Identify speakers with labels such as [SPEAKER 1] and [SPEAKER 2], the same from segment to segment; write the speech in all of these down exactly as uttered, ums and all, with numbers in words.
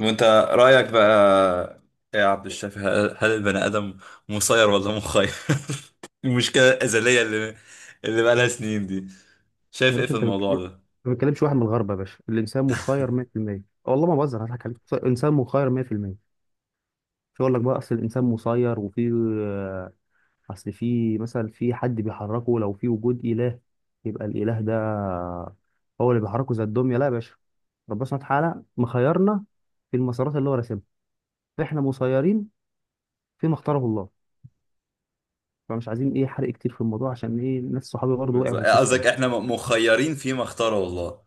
[SPEAKER 1] وانت رأيك بقى إيه يا عبد الشافي هل هل البني آدم مسير ولا مخير؟ المشكلة الأزلية اللي اللي بقى لها سنين دي
[SPEAKER 2] يا
[SPEAKER 1] شايف ايه
[SPEAKER 2] باشا،
[SPEAKER 1] في
[SPEAKER 2] انت
[SPEAKER 1] الموضوع
[SPEAKER 2] بتكلم
[SPEAKER 1] ده؟
[SPEAKER 2] ما بتكلمش واحد من الغرب يا باشا. الانسان مخير مية بالمية. والله ما بهزر هضحك عليك. انسان مخير مية بالمية. مش هقول لك بقى اصل الانسان مسير وفي آه، اصل في مثلا في حد بيحركه. لو في وجود اله، يبقى الاله ده هو اللي بيحركه زي الدميه؟ لا يا باشا، ربنا سبحانه وتعالى مخيرنا في المسارات اللي هو راسمها، فاحنا مسيرين فيما اختاره الله. فمش عايزين ايه حرق كتير في الموضوع، عشان ايه ناس صحابي برضه وقعوا
[SPEAKER 1] بالظبط
[SPEAKER 2] في
[SPEAKER 1] إيه
[SPEAKER 2] القصه
[SPEAKER 1] قصدك
[SPEAKER 2] دي.
[SPEAKER 1] احنا م- مخيرين فيما اختاره الله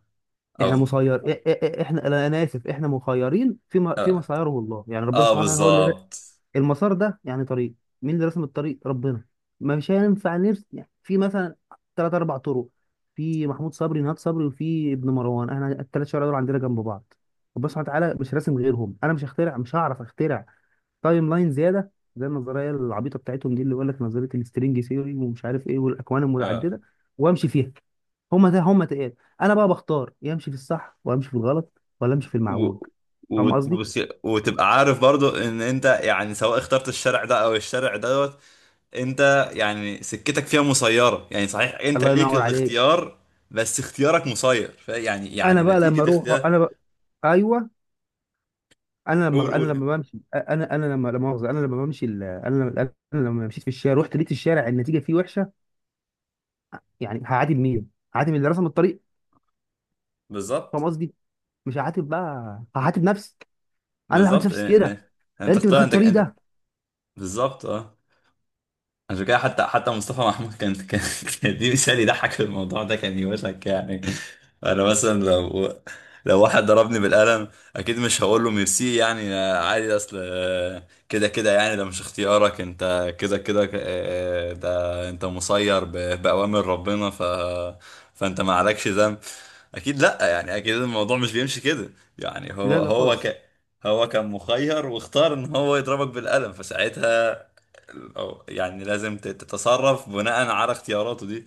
[SPEAKER 2] احنا
[SPEAKER 1] او
[SPEAKER 2] مسير إ- إ- إ- احنا لا، انا اسف، احنا مخيرين فيما فيما
[SPEAKER 1] اه,
[SPEAKER 2] سيره الله. يعني ربنا
[SPEAKER 1] آه
[SPEAKER 2] سبحانه وتعالى هو اللي ر-
[SPEAKER 1] بالظبط
[SPEAKER 2] المسار ده يعني طريق. مين اللي رسم الطريق؟ ربنا. مش هينفع نرسم يعني في مثلا ثلاث اربع طرق. في محمود صبري نهاد صبري وفي ابن مروان، احنا الثلاث شوارع دول عندنا جنب بعض. ربنا سبحانه وتعالى مش راسم غيرهم. انا مش هخترع مش هعرف اخترع تايم لاين زياده، زي النظريه العبيطه بتاعتهم دي، اللي يقول لك نظريه السترينج ثيوري ومش عارف ايه والاكوان
[SPEAKER 1] اه
[SPEAKER 2] المتعدده وامشي فيها. هما ده هما تقال. انا بقى بختار، يا امشي في الصح وامشي في الغلط ولا امشي في المعوج.
[SPEAKER 1] و...
[SPEAKER 2] فاهم قصدي؟
[SPEAKER 1] وت- وتبقى عارف برضو ان انت يعني سواء اخترت الشرع ده او الشرع دوت، انت يعني سكتك فيها مسيرة، يعني صحيح انت
[SPEAKER 2] الله
[SPEAKER 1] ليك
[SPEAKER 2] ينور عليك.
[SPEAKER 1] الاختيار بس اختيارك مسير فيعني يعني
[SPEAKER 2] انا
[SPEAKER 1] يعني
[SPEAKER 2] بقى لما
[SPEAKER 1] نتيجة
[SPEAKER 2] اروح،
[SPEAKER 1] اختيار.
[SPEAKER 2] انا بقى، ايوه، انا لما
[SPEAKER 1] قول
[SPEAKER 2] بقى انا
[SPEAKER 1] قول.
[SPEAKER 2] لما بمشي انا انا لما لا مؤاخذه، انا لما بمشي ال- انا لما انا لما مشيت في الشارع، رحت لقيت الشارع النتيجه فيه وحشه. يعني هعاتب مين؟ هعاتب اللي رسم الطريق. فاهم
[SPEAKER 1] بالظبط.
[SPEAKER 2] قصدي؟ مش هعاتب بقى، هعاتب نفسي. انا اللي عملت
[SPEAKER 1] بالظبط،
[SPEAKER 2] نفسي
[SPEAKER 1] اه،
[SPEAKER 2] كده.
[SPEAKER 1] اه.
[SPEAKER 2] يا
[SPEAKER 1] انت
[SPEAKER 2] ريتني ما
[SPEAKER 1] اختار،
[SPEAKER 2] دخلت
[SPEAKER 1] انت
[SPEAKER 2] الطريق
[SPEAKER 1] انت
[SPEAKER 2] ده.
[SPEAKER 1] بالظبط اه. عشان كده حتى حتى مصطفى محمود كان كان كان دي مثال يضحك في الموضوع ده، كان يوشك يعني. انا
[SPEAKER 2] مرحبا.
[SPEAKER 1] مثلا لو لو واحد ضربني بالقلم اكيد مش هقول له ميرسي يعني عادي، اصل آه، كده كده يعني ده مش اختيارك انت كده كده، آه، ده انت مسير ب- باوامر ربنا ف فانت ما عليكش ذنب. اكيد لا، يعني اكيد الموضوع مش بيمشي كده. يعني هو
[SPEAKER 2] لا لا
[SPEAKER 1] هو
[SPEAKER 2] خالص.
[SPEAKER 1] ك هو كان مخير واختار ان هو يضربك بالقلم، فساعتها أو يعني لازم تت- تتصرف بناء على اختياراته دي.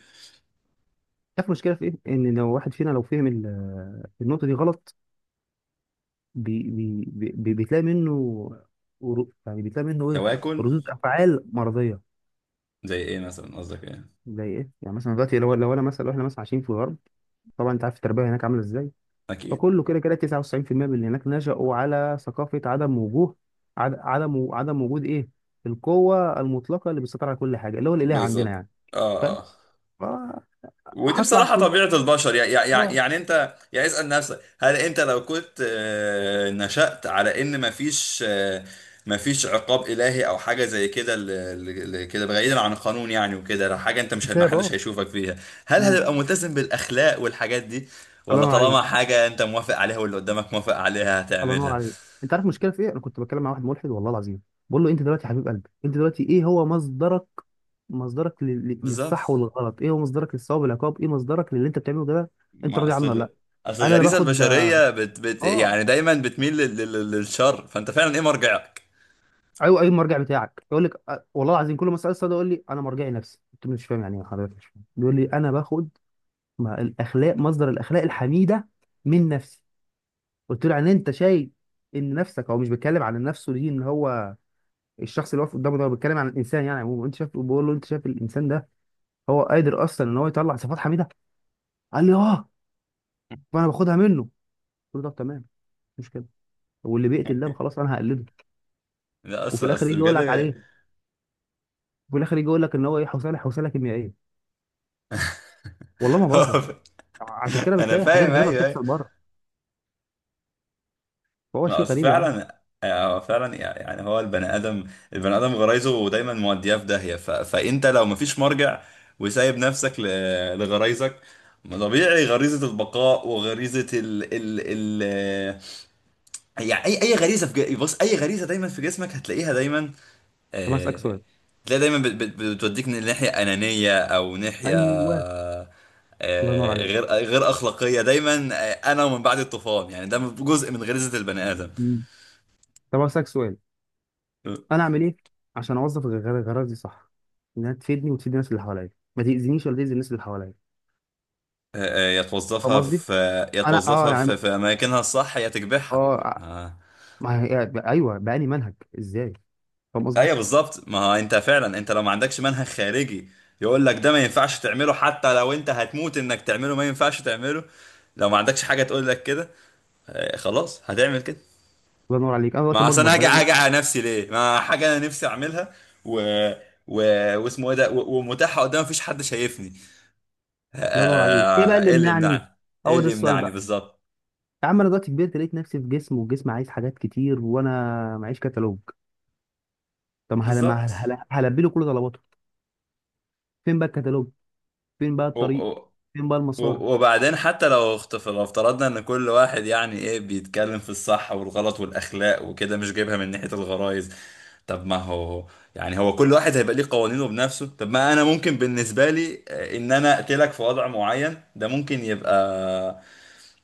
[SPEAKER 2] عارف المشكله في ايه؟ ان لو واحد فينا لو فهم ال- النقطه دي غلط، بي بي بي بتلاقي منه، ورو- يعني بتلاقي منه ايه؟
[SPEAKER 1] تواكل.
[SPEAKER 2] ردود افعال مرضيه.
[SPEAKER 1] زي ايه مثلا، قصدك ايه؟
[SPEAKER 2] زي ايه؟ يعني مثلا دلوقتي لو لو انا مثلا لو احنا مثلا عايشين في الغرب، طبعا انت عارف التربيه هناك عامله ازاي.
[SPEAKER 1] اكيد.
[SPEAKER 2] فكله كده كده تسعة وتسعين بالمية من اللي هناك نشأوا على ثقافه عدم وجوه، عد- عدم عدم وجود ايه؟ القوه المطلقه اللي بتسيطر على كل حاجه، اللي هو الاله عندنا
[SPEAKER 1] بالظبط
[SPEAKER 2] يعني.
[SPEAKER 1] اه، اه. ودي
[SPEAKER 2] فهطلع
[SPEAKER 1] بصراحة
[SPEAKER 2] في
[SPEAKER 1] طبيعة البشر، يعني يعني,
[SPEAKER 2] اه
[SPEAKER 1] يعني انت يعني اسأل نفسك، هل انت لو كنت آه، نشأت على ان مفيش آه، مفيش عقاب إلهي او حاجة زي كده، ل- ل- ل- كده بعيدا عن القانون يعني، وكده لو حاجة انت مش، ما
[SPEAKER 2] كتاب
[SPEAKER 1] حدش
[SPEAKER 2] اه
[SPEAKER 1] هيشوفك فيها، هل
[SPEAKER 2] مم.
[SPEAKER 1] هتبقى ملتزم بالأخلاق والحاجات دي،
[SPEAKER 2] الله
[SPEAKER 1] ولا
[SPEAKER 2] ينور
[SPEAKER 1] طالما
[SPEAKER 2] عليك.
[SPEAKER 1] حاجة انت موافق عليها واللي قدامك موافق عليها
[SPEAKER 2] الله ينور
[SPEAKER 1] هتعملها؟
[SPEAKER 2] عليك. انت عارف المشكله في ايه؟ انا كنت بتكلم مع واحد ملحد، والله العظيم. بقول له انت دلوقتي يا حبيب قلبي، انت دلوقتي ايه هو مصدرك؟ مصدرك لل- لل- للصح
[SPEAKER 1] بالظبط.
[SPEAKER 2] والغلط، ايه هو مصدرك للصواب والعقاب، ايه مصدرك للي انت بتعمله ده؟ انت
[SPEAKER 1] ما
[SPEAKER 2] راضي عنه ولا
[SPEAKER 1] اصل
[SPEAKER 2] لا؟
[SPEAKER 1] اصل
[SPEAKER 2] قال انا
[SPEAKER 1] الغريزه
[SPEAKER 2] باخد،
[SPEAKER 1] البشريه بت بت
[SPEAKER 2] اه.
[SPEAKER 1] يعني دايما بتميل لل لل للشر فانت فعلا ايه مرجعك؟
[SPEAKER 2] ايوه ايوه، المرجع بتاعك يقول لك اه، والله العظيم كل ما اسال السؤال ده يقول لي انا مرجعي نفسي. قلت له مش فاهم، يعني ايه حضرتك مش فاهم؟ بيقول لي انا باخد، ما الاخلاق مصدر الاخلاق الحميده من نفسي. قلت له يعني انت شايف ان نفسك، هو مش بيتكلم عن نفسه دي ان هو الشخص اللي واقف قدامه ده، بيتكلم عن الانسان يعني عموما. انت شايف بقول له انت شايف الانسان ده هو قادر اصلا ان هو يطلع صفات حميده؟ قال لي اه، فانا باخدها منه. قلت له طب تمام، مش مشكله، واللي بيقتل ده خلاص انا هقلده.
[SPEAKER 1] لا اصل
[SPEAKER 2] وفي الاخر يجي
[SPEAKER 1] اصل
[SPEAKER 2] يقول لك
[SPEAKER 1] بجد
[SPEAKER 2] عليه وفي الاخر يجي يقول لك ان هو ايه؟ حوصله حوصله كيميائيه. والله ما بهزر. عشان كده
[SPEAKER 1] انا
[SPEAKER 2] بتلاقي حاجات
[SPEAKER 1] فاهم،
[SPEAKER 2] غريبه
[SPEAKER 1] ايوه ايوه.
[SPEAKER 2] بتحصل بره. فهو
[SPEAKER 1] ما
[SPEAKER 2] شيء
[SPEAKER 1] اصل
[SPEAKER 2] غريب يا عم.
[SPEAKER 1] فعلا هو فعلا، يعني هو البني ادم، البني ادم غرايزه دايما مودياه في داهيه. ف... فانت لو مفيش مرجع، وسايب نفسك ل... لغرايزك، ما طبيعي غريزه البقاء وغريزه ال ال ال يعني اي اي غريزه في ج... بص، اي غريزه دايما في جسمك هتلاقيها دايما.
[SPEAKER 2] طب أنا اسالك
[SPEAKER 1] آه،
[SPEAKER 2] سؤال.
[SPEAKER 1] تلاقي دايما بت- بت- بتوديك ناحية أنانية أو ناحية
[SPEAKER 2] ايوه. الله ينور
[SPEAKER 1] آه،
[SPEAKER 2] عليك.
[SPEAKER 1] غير غير أخلاقية دايما. آه، أنا، ومن بعد الطوفان، يعني ده جزء من غريزة البني آدم.
[SPEAKER 2] مم. طب أنا اسالك سؤال،
[SPEAKER 1] آه،
[SPEAKER 2] انا اعمل ايه عشان اوظف الغرض دي صح، انها تفيدني وتفيد الناس اللي حواليا، ما تاذينيش ولا تاذي الناس اللي حواليا؟
[SPEAKER 1] آه، يا
[SPEAKER 2] فاهم
[SPEAKER 1] توظفها
[SPEAKER 2] قصدي؟
[SPEAKER 1] في يا
[SPEAKER 2] انا اه
[SPEAKER 1] توظفها في،
[SPEAKER 2] يعني
[SPEAKER 1] في أماكنها الصح يا تكبحها.
[SPEAKER 2] اه
[SPEAKER 1] آه.
[SPEAKER 2] ما هي ايوه، بقى لي منهج ازاي؟ فاهم قصدي؟
[SPEAKER 1] أيوه بالظبط. ما هو أنت فعلا، أنت لو ما عندكش منهج خارجي يقول لك ده ما ينفعش تعمله، حتى لو أنت هتموت إنك تعمله ما ينفعش تعمله، لو ما عندكش حاجة تقول لك كده، آه، خلاص هتعمل كده.
[SPEAKER 2] الله ينور عليك. انا دلوقتي
[SPEAKER 1] ما اصل
[SPEAKER 2] بكبر
[SPEAKER 1] انا هاجي
[SPEAKER 2] بقى لي.
[SPEAKER 1] هاجي على نفسي ليه، ما حاجه انا نفسي اعملها، و و واسمه ايه ده، و- ومتاحه قدام، مفيش حد شايفني. آه،
[SPEAKER 2] الله ينور عليك. ايه بقى
[SPEAKER 1] آه،
[SPEAKER 2] اللي
[SPEAKER 1] ايه اللي
[SPEAKER 2] منعني؟
[SPEAKER 1] يمنعني؟ ايه
[SPEAKER 2] هو ده
[SPEAKER 1] اللي
[SPEAKER 2] السؤال
[SPEAKER 1] يمنعني
[SPEAKER 2] بقى.
[SPEAKER 1] بالظبط؟
[SPEAKER 2] يا عم انا دلوقتي كبرت لقيت نفسي في جسم، والجسم عايز حاجات كتير، وانا معيش كتالوج. طب ما هل ما هل...
[SPEAKER 1] بالظبط.
[SPEAKER 2] هل... هلبي له كل طلباته؟ فين بقى الكتالوج؟ فين بقى
[SPEAKER 1] و-
[SPEAKER 2] الطريق؟
[SPEAKER 1] و-
[SPEAKER 2] فين بقى المسار؟
[SPEAKER 1] و- وبعدين حتى لو اخت- لو افترضنا ان كل واحد، يعني ايه، بيتكلم في الصح والغلط والاخلاق وكده مش جايبها من ناحيه الغرائز، طب ما هو يعني هو كل واحد هيبقى ليه قوانينه بنفسه. طب ما انا ممكن بالنسبه لي آه، ان انا اقتلك في وضع معين، ده ممكن يبقى،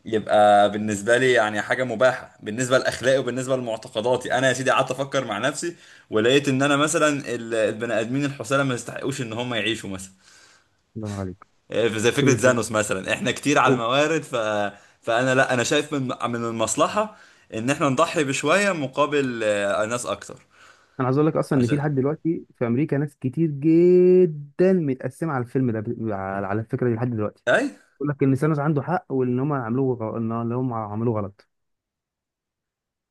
[SPEAKER 1] يبقى بالنسبة لي يعني حاجة مباحة بالنسبة لأخلاقي وبالنسبة لمعتقداتي. أنا يا سيدي قعدت أفكر مع نفسي ولقيت إن أنا مثلا ال- البني آدمين الحسالة ما يستحقوش إن هم يعيشوا مثلا،
[SPEAKER 2] الله ينور عليك.
[SPEAKER 1] إيه، زي فكرة
[SPEAKER 2] اقسم لك بالله.
[SPEAKER 1] زانوس مثلا، إحنا كتير على
[SPEAKER 2] أوه.
[SPEAKER 1] الموارد. ف... فأنا لا، أنا شايف من من المصلحة إن إحنا نضحي بشوية مقابل آه، ناس أكتر.
[SPEAKER 2] انا عايز اقول لك اصلا ان في
[SPEAKER 1] عشان.
[SPEAKER 2] لحد دلوقتي في امريكا ناس كتير جدا متقسمه على الفيلم ده، على على الفكره دي لحد دلوقتي.
[SPEAKER 1] أي.
[SPEAKER 2] بيقول لك ان سانوس عنده حق، وان هم عملوه غ- ان إن هم عملوه غلط.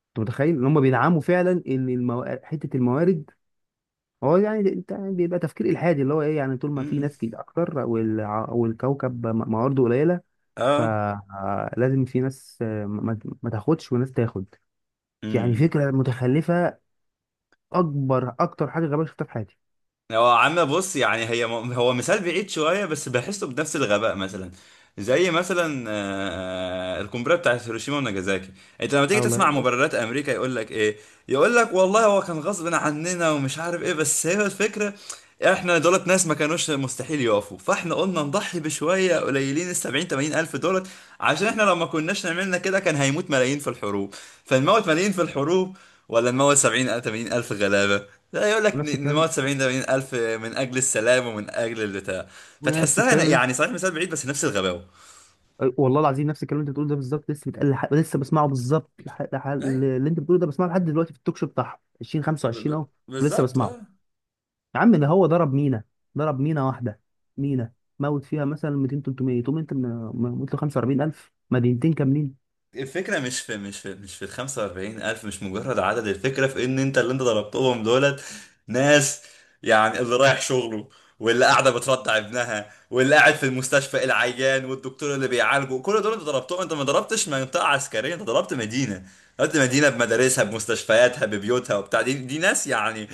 [SPEAKER 2] انت متخيل ان هم بيدعموا فعلا ان المو... حته الموارد؟ هو يعني انت يعني بيبقى تفكير الحادي اللي هو ايه؟ يعني طول ما في
[SPEAKER 1] أمم.
[SPEAKER 2] ناس كتير اكتر، والع- والكوكب م- موارده قليله،
[SPEAKER 1] أه.
[SPEAKER 2] فلازم في ناس آه، ما ما تاخدش وناس تاخد. يعني
[SPEAKER 1] أمم.
[SPEAKER 2] فكره متخلفه، اكبر اكتر حاجه غبيه شفتها في حياتي.
[SPEAKER 1] هو عم بص يعني هي هو مثال بعيد شوية بس بحسه بنفس الغباء. مثلا زي مثلا آه، القنبلة بتاعت هيروشيما وناجازاكي، انت لما تيجي
[SPEAKER 2] اه والله
[SPEAKER 1] تسمع
[SPEAKER 2] هو.
[SPEAKER 1] مبررات امريكا يقول لك ايه؟ يقول لك والله هو كان غصب عننا ومش عارف ايه، بس هي الفكرة، احنا دولت ناس ما كانوش مستحيل يقفوا، فاحنا قلنا نضحي بشوية قليلين، ال سبعين ثمانين الف دولت، عشان احنا لو ما كناش نعملنا كده كان هيموت ملايين في الحروب. فنموت ملايين في الحروب ولا نموت سبعين ثمانين الف غلابة؟ لا، يقول لك
[SPEAKER 2] ونفس
[SPEAKER 1] ن-
[SPEAKER 2] الكلام.
[SPEAKER 1] نموت سبعين ثمانين الف من اجل السلام ومن اجل البتاع.
[SPEAKER 2] ونفس
[SPEAKER 1] فتحسها
[SPEAKER 2] الكلام.
[SPEAKER 1] يعني صحيح مثال بعيد بس نفس الغباوه.
[SPEAKER 2] والله العظيم نفس الكلام اللي انت بتقوله ده بالظبط، لسه بتقل لح... لسه بسمعه بالظبط، لح... لح...
[SPEAKER 1] اي
[SPEAKER 2] اللي انت بتقوله ده بسمعه لحد دلوقتي في التوك شو بتاعهم
[SPEAKER 1] ب-
[SPEAKER 2] ألفين وخمسة وعشرين
[SPEAKER 1] ب-
[SPEAKER 2] اهو. ولسه
[SPEAKER 1] بالظبط
[SPEAKER 2] بسمعه.
[SPEAKER 1] اه.
[SPEAKER 2] يا عم ده هو ضرب مينا، ضرب مينا واحده، مينا، موت فيها مثلا مئتين ثلاثمية، تقوم انت من- موت له خمسة وأربعين ألف، مدينتين كاملين.
[SPEAKER 1] الفكرة مش في مش في مش في ال خمسة وأربعين ألف، مش مجرد عدد. الفكرة في إن أنت اللي أنت ضربتهم دولت ناس يعني، اللي رايح شغله واللي قاعدة بترضع ابنها واللي قاعد في المستشفى العيان والدكتور اللي بيعالجه، كل دول أنت ضربتهم. أنت ما ضربتش منطقة عسكرية، أنت ضربت مدينة. ضربت مدينة بمدارسها بمستشفياتها ببيوتها وبتاع، دي دي ناس يعني،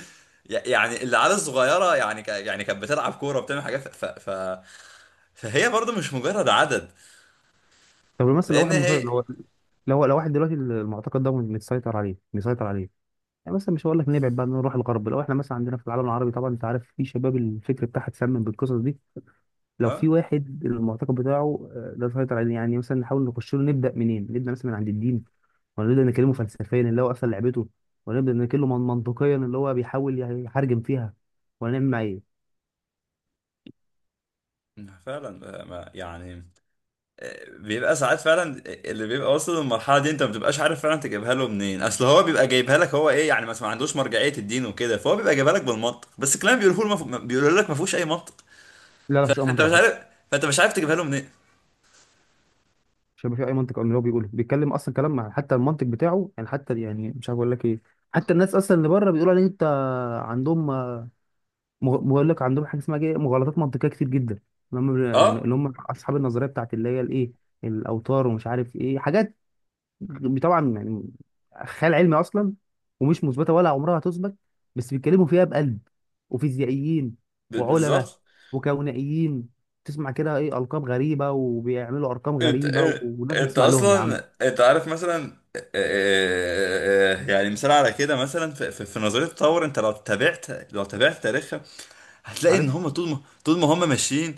[SPEAKER 1] يعني العيال الصغيرة يعني ك- يعني كانت بتلعب كورة وبتعمل حاجات. ف... ف... ف... فهي برضه مش مجرد عدد،
[SPEAKER 2] طب مثلا لو
[SPEAKER 1] لأن
[SPEAKER 2] واحد مسيطر،
[SPEAKER 1] هي.
[SPEAKER 2] لو لو لو واحد دلوقتي، المعتقد ده متسيطر عليه، مسيطر عليه. يعني مثلا مش هقول لك نبعد بقى نروح الغرب، لو احنا مثلا عندنا في العالم العربي، طبعا انت عارف في شباب الفكر بتاعها اتسمم بالقصص دي. لو في
[SPEAKER 1] اه
[SPEAKER 2] واحد المعتقد بتاعه آه، لا يسيطر عليه، يعني مثلا نحاول نخش له نبدا منين؟ نبدا مثلا من عند الدين، ولا نبدا نكلمه فلسفيا اللي هو اصلا لعبته، ولا نبدا نكلمه من- منطقيا اللي هو بيحاول يحرجم فيها، ولا نعمل معاه ايه؟
[SPEAKER 1] فعلا. آه، ما يعني آه، بيبقى ساعات فعلا آه، اللي بيبقى واصل للمرحله دي انت ما بتبقاش عارف فعلا تجيبها له منين، اصل هو بيبقى جايبها لك، هو ايه يعني مثلا ما عندوش مرجعيه الدين وكده، فهو بيبقى جايبها لك بالمنطق، بس الكلام بيقوله له مف... بيقول لك ما فيهوش اي منطق،
[SPEAKER 2] لا لا، مفيش اي
[SPEAKER 1] فانت
[SPEAKER 2] منطق
[SPEAKER 1] مش
[SPEAKER 2] على
[SPEAKER 1] عارف،
[SPEAKER 2] فكره.
[SPEAKER 1] فانت مش عارف تجيبها له منين.
[SPEAKER 2] مش هيبقى في اي منطق من اللي هو بيقوله، بيتكلم اصلا كلام مع، حتى المنطق بتاعه يعني، حتى يعني مش عارف اقول لك ايه. حتى الناس اصلا اللي بره بيقولوا ان انت عندهم آه، مغ- بقول لك عندهم حاجه اسمها ايه؟ مغالطات منطقيه كتير جدا. اللي هم
[SPEAKER 1] اه
[SPEAKER 2] اللي هم اصحاب النظريه بتاعت اللي هي الايه؟ الاوتار ومش عارف ايه حاجات. طبعا يعني خيال علمي اصلا، ومش مثبته ولا عمرها هتثبت، بس بيتكلموا فيها بقلب، وفيزيائيين
[SPEAKER 1] ب-
[SPEAKER 2] وعلماء
[SPEAKER 1] بالظبط.
[SPEAKER 2] وكونائيين. تسمع كده ايه؟ القاب غريبه وبيعملوا ارقام
[SPEAKER 1] انت
[SPEAKER 2] غريبه و-
[SPEAKER 1] آه،
[SPEAKER 2] والناس
[SPEAKER 1] انت
[SPEAKER 2] بتسمع لهم يا عم.
[SPEAKER 1] اصلا انت عارف مثلا آه، آه، آه، اه، اه، يعني مثال على كده مثلا في, في في نظريه التطور، انت لو تابعت، لو تابعت تاريخ هتلاقي ان
[SPEAKER 2] عارف،
[SPEAKER 1] هم طول ما طول ما هم ماشيين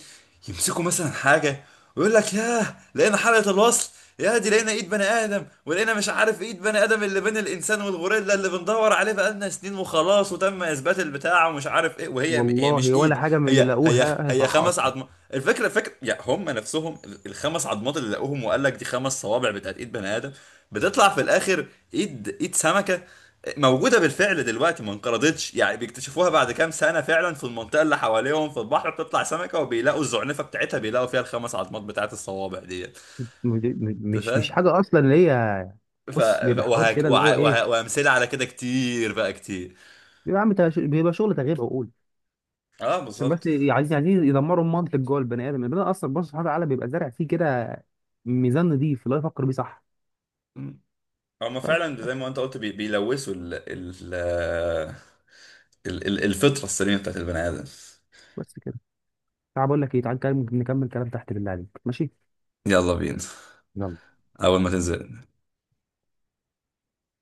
[SPEAKER 1] يمسكوا مثلا حاجه ويقول لك ياه لقينا حلقه الوصل، يا دي لقينا ايد بني ادم، ولقينا مش عارف ايد بني ادم اللي بين الانسان والغوريلا اللي بندور عليه بقالنا سنين، وخلاص وتم اثبات البتاع ومش عارف ايه، وهي هي مش
[SPEAKER 2] والله ولا
[SPEAKER 1] ايد،
[SPEAKER 2] حاجه من اللي
[SPEAKER 1] هي هي
[SPEAKER 2] لقوها هي
[SPEAKER 1] هي
[SPEAKER 2] صح
[SPEAKER 1] خمس
[SPEAKER 2] اصلا.
[SPEAKER 1] عظمات. الفكره فكره يعني هم نفسهم ال- الخمس عظمات اللي لقوهم وقال لك دي خمس صوابع بتاعت ايد بني ادم، بتطلع في الاخر ايد ايد سمكه موجودة بالفعل دلوقتي ما انقرضتش، يعني بيكتشفوها بعد كام سنة فعلا في المنطقة اللي حواليهم في البحر، بتطلع سمكة وبيلاقوا الزعنفة بتاعتها بيلاقوا فيها الخمس عظمات بتاعت الصوابع ديت.
[SPEAKER 2] م- م-
[SPEAKER 1] انت
[SPEAKER 2] مش مش
[SPEAKER 1] فاهم؟
[SPEAKER 2] حاجه اصلا اللي هي.
[SPEAKER 1] ف...
[SPEAKER 2] بص،
[SPEAKER 1] ف-
[SPEAKER 2] بيبقى حوار
[SPEAKER 1] وهك...
[SPEAKER 2] كده اللي هو
[SPEAKER 1] وع... وه...
[SPEAKER 2] ايه؟
[SPEAKER 1] وأمثلة على كده كتير بقى كتير.
[SPEAKER 2] بيبقى عم تش- بيبقى شغل تغيير عقول.
[SPEAKER 1] اه
[SPEAKER 2] عشان بس
[SPEAKER 1] بالظبط.
[SPEAKER 2] ي- عايزين عايزين يدمروا المنطق جوه البني ادم. البني ادم اصلا، بص، سبحانه وتعالى بيبقى زارع فيه كده ميزان نضيف اللي هو يفكر بيه صح.
[SPEAKER 1] مم. هما
[SPEAKER 2] فاهم؟
[SPEAKER 1] فعلا زي
[SPEAKER 2] بس
[SPEAKER 1] ما انت قلت بي... بيلوثوا ال... ال... ال... ال- الفطرة السليمة بتاعت البني آدم.
[SPEAKER 2] بس كده. تعال بقول لك ايه تعال نكمل نكمل كلام تحت بالله عليك، ماشي؟
[SPEAKER 1] يلا بينا. أول ما تنزل.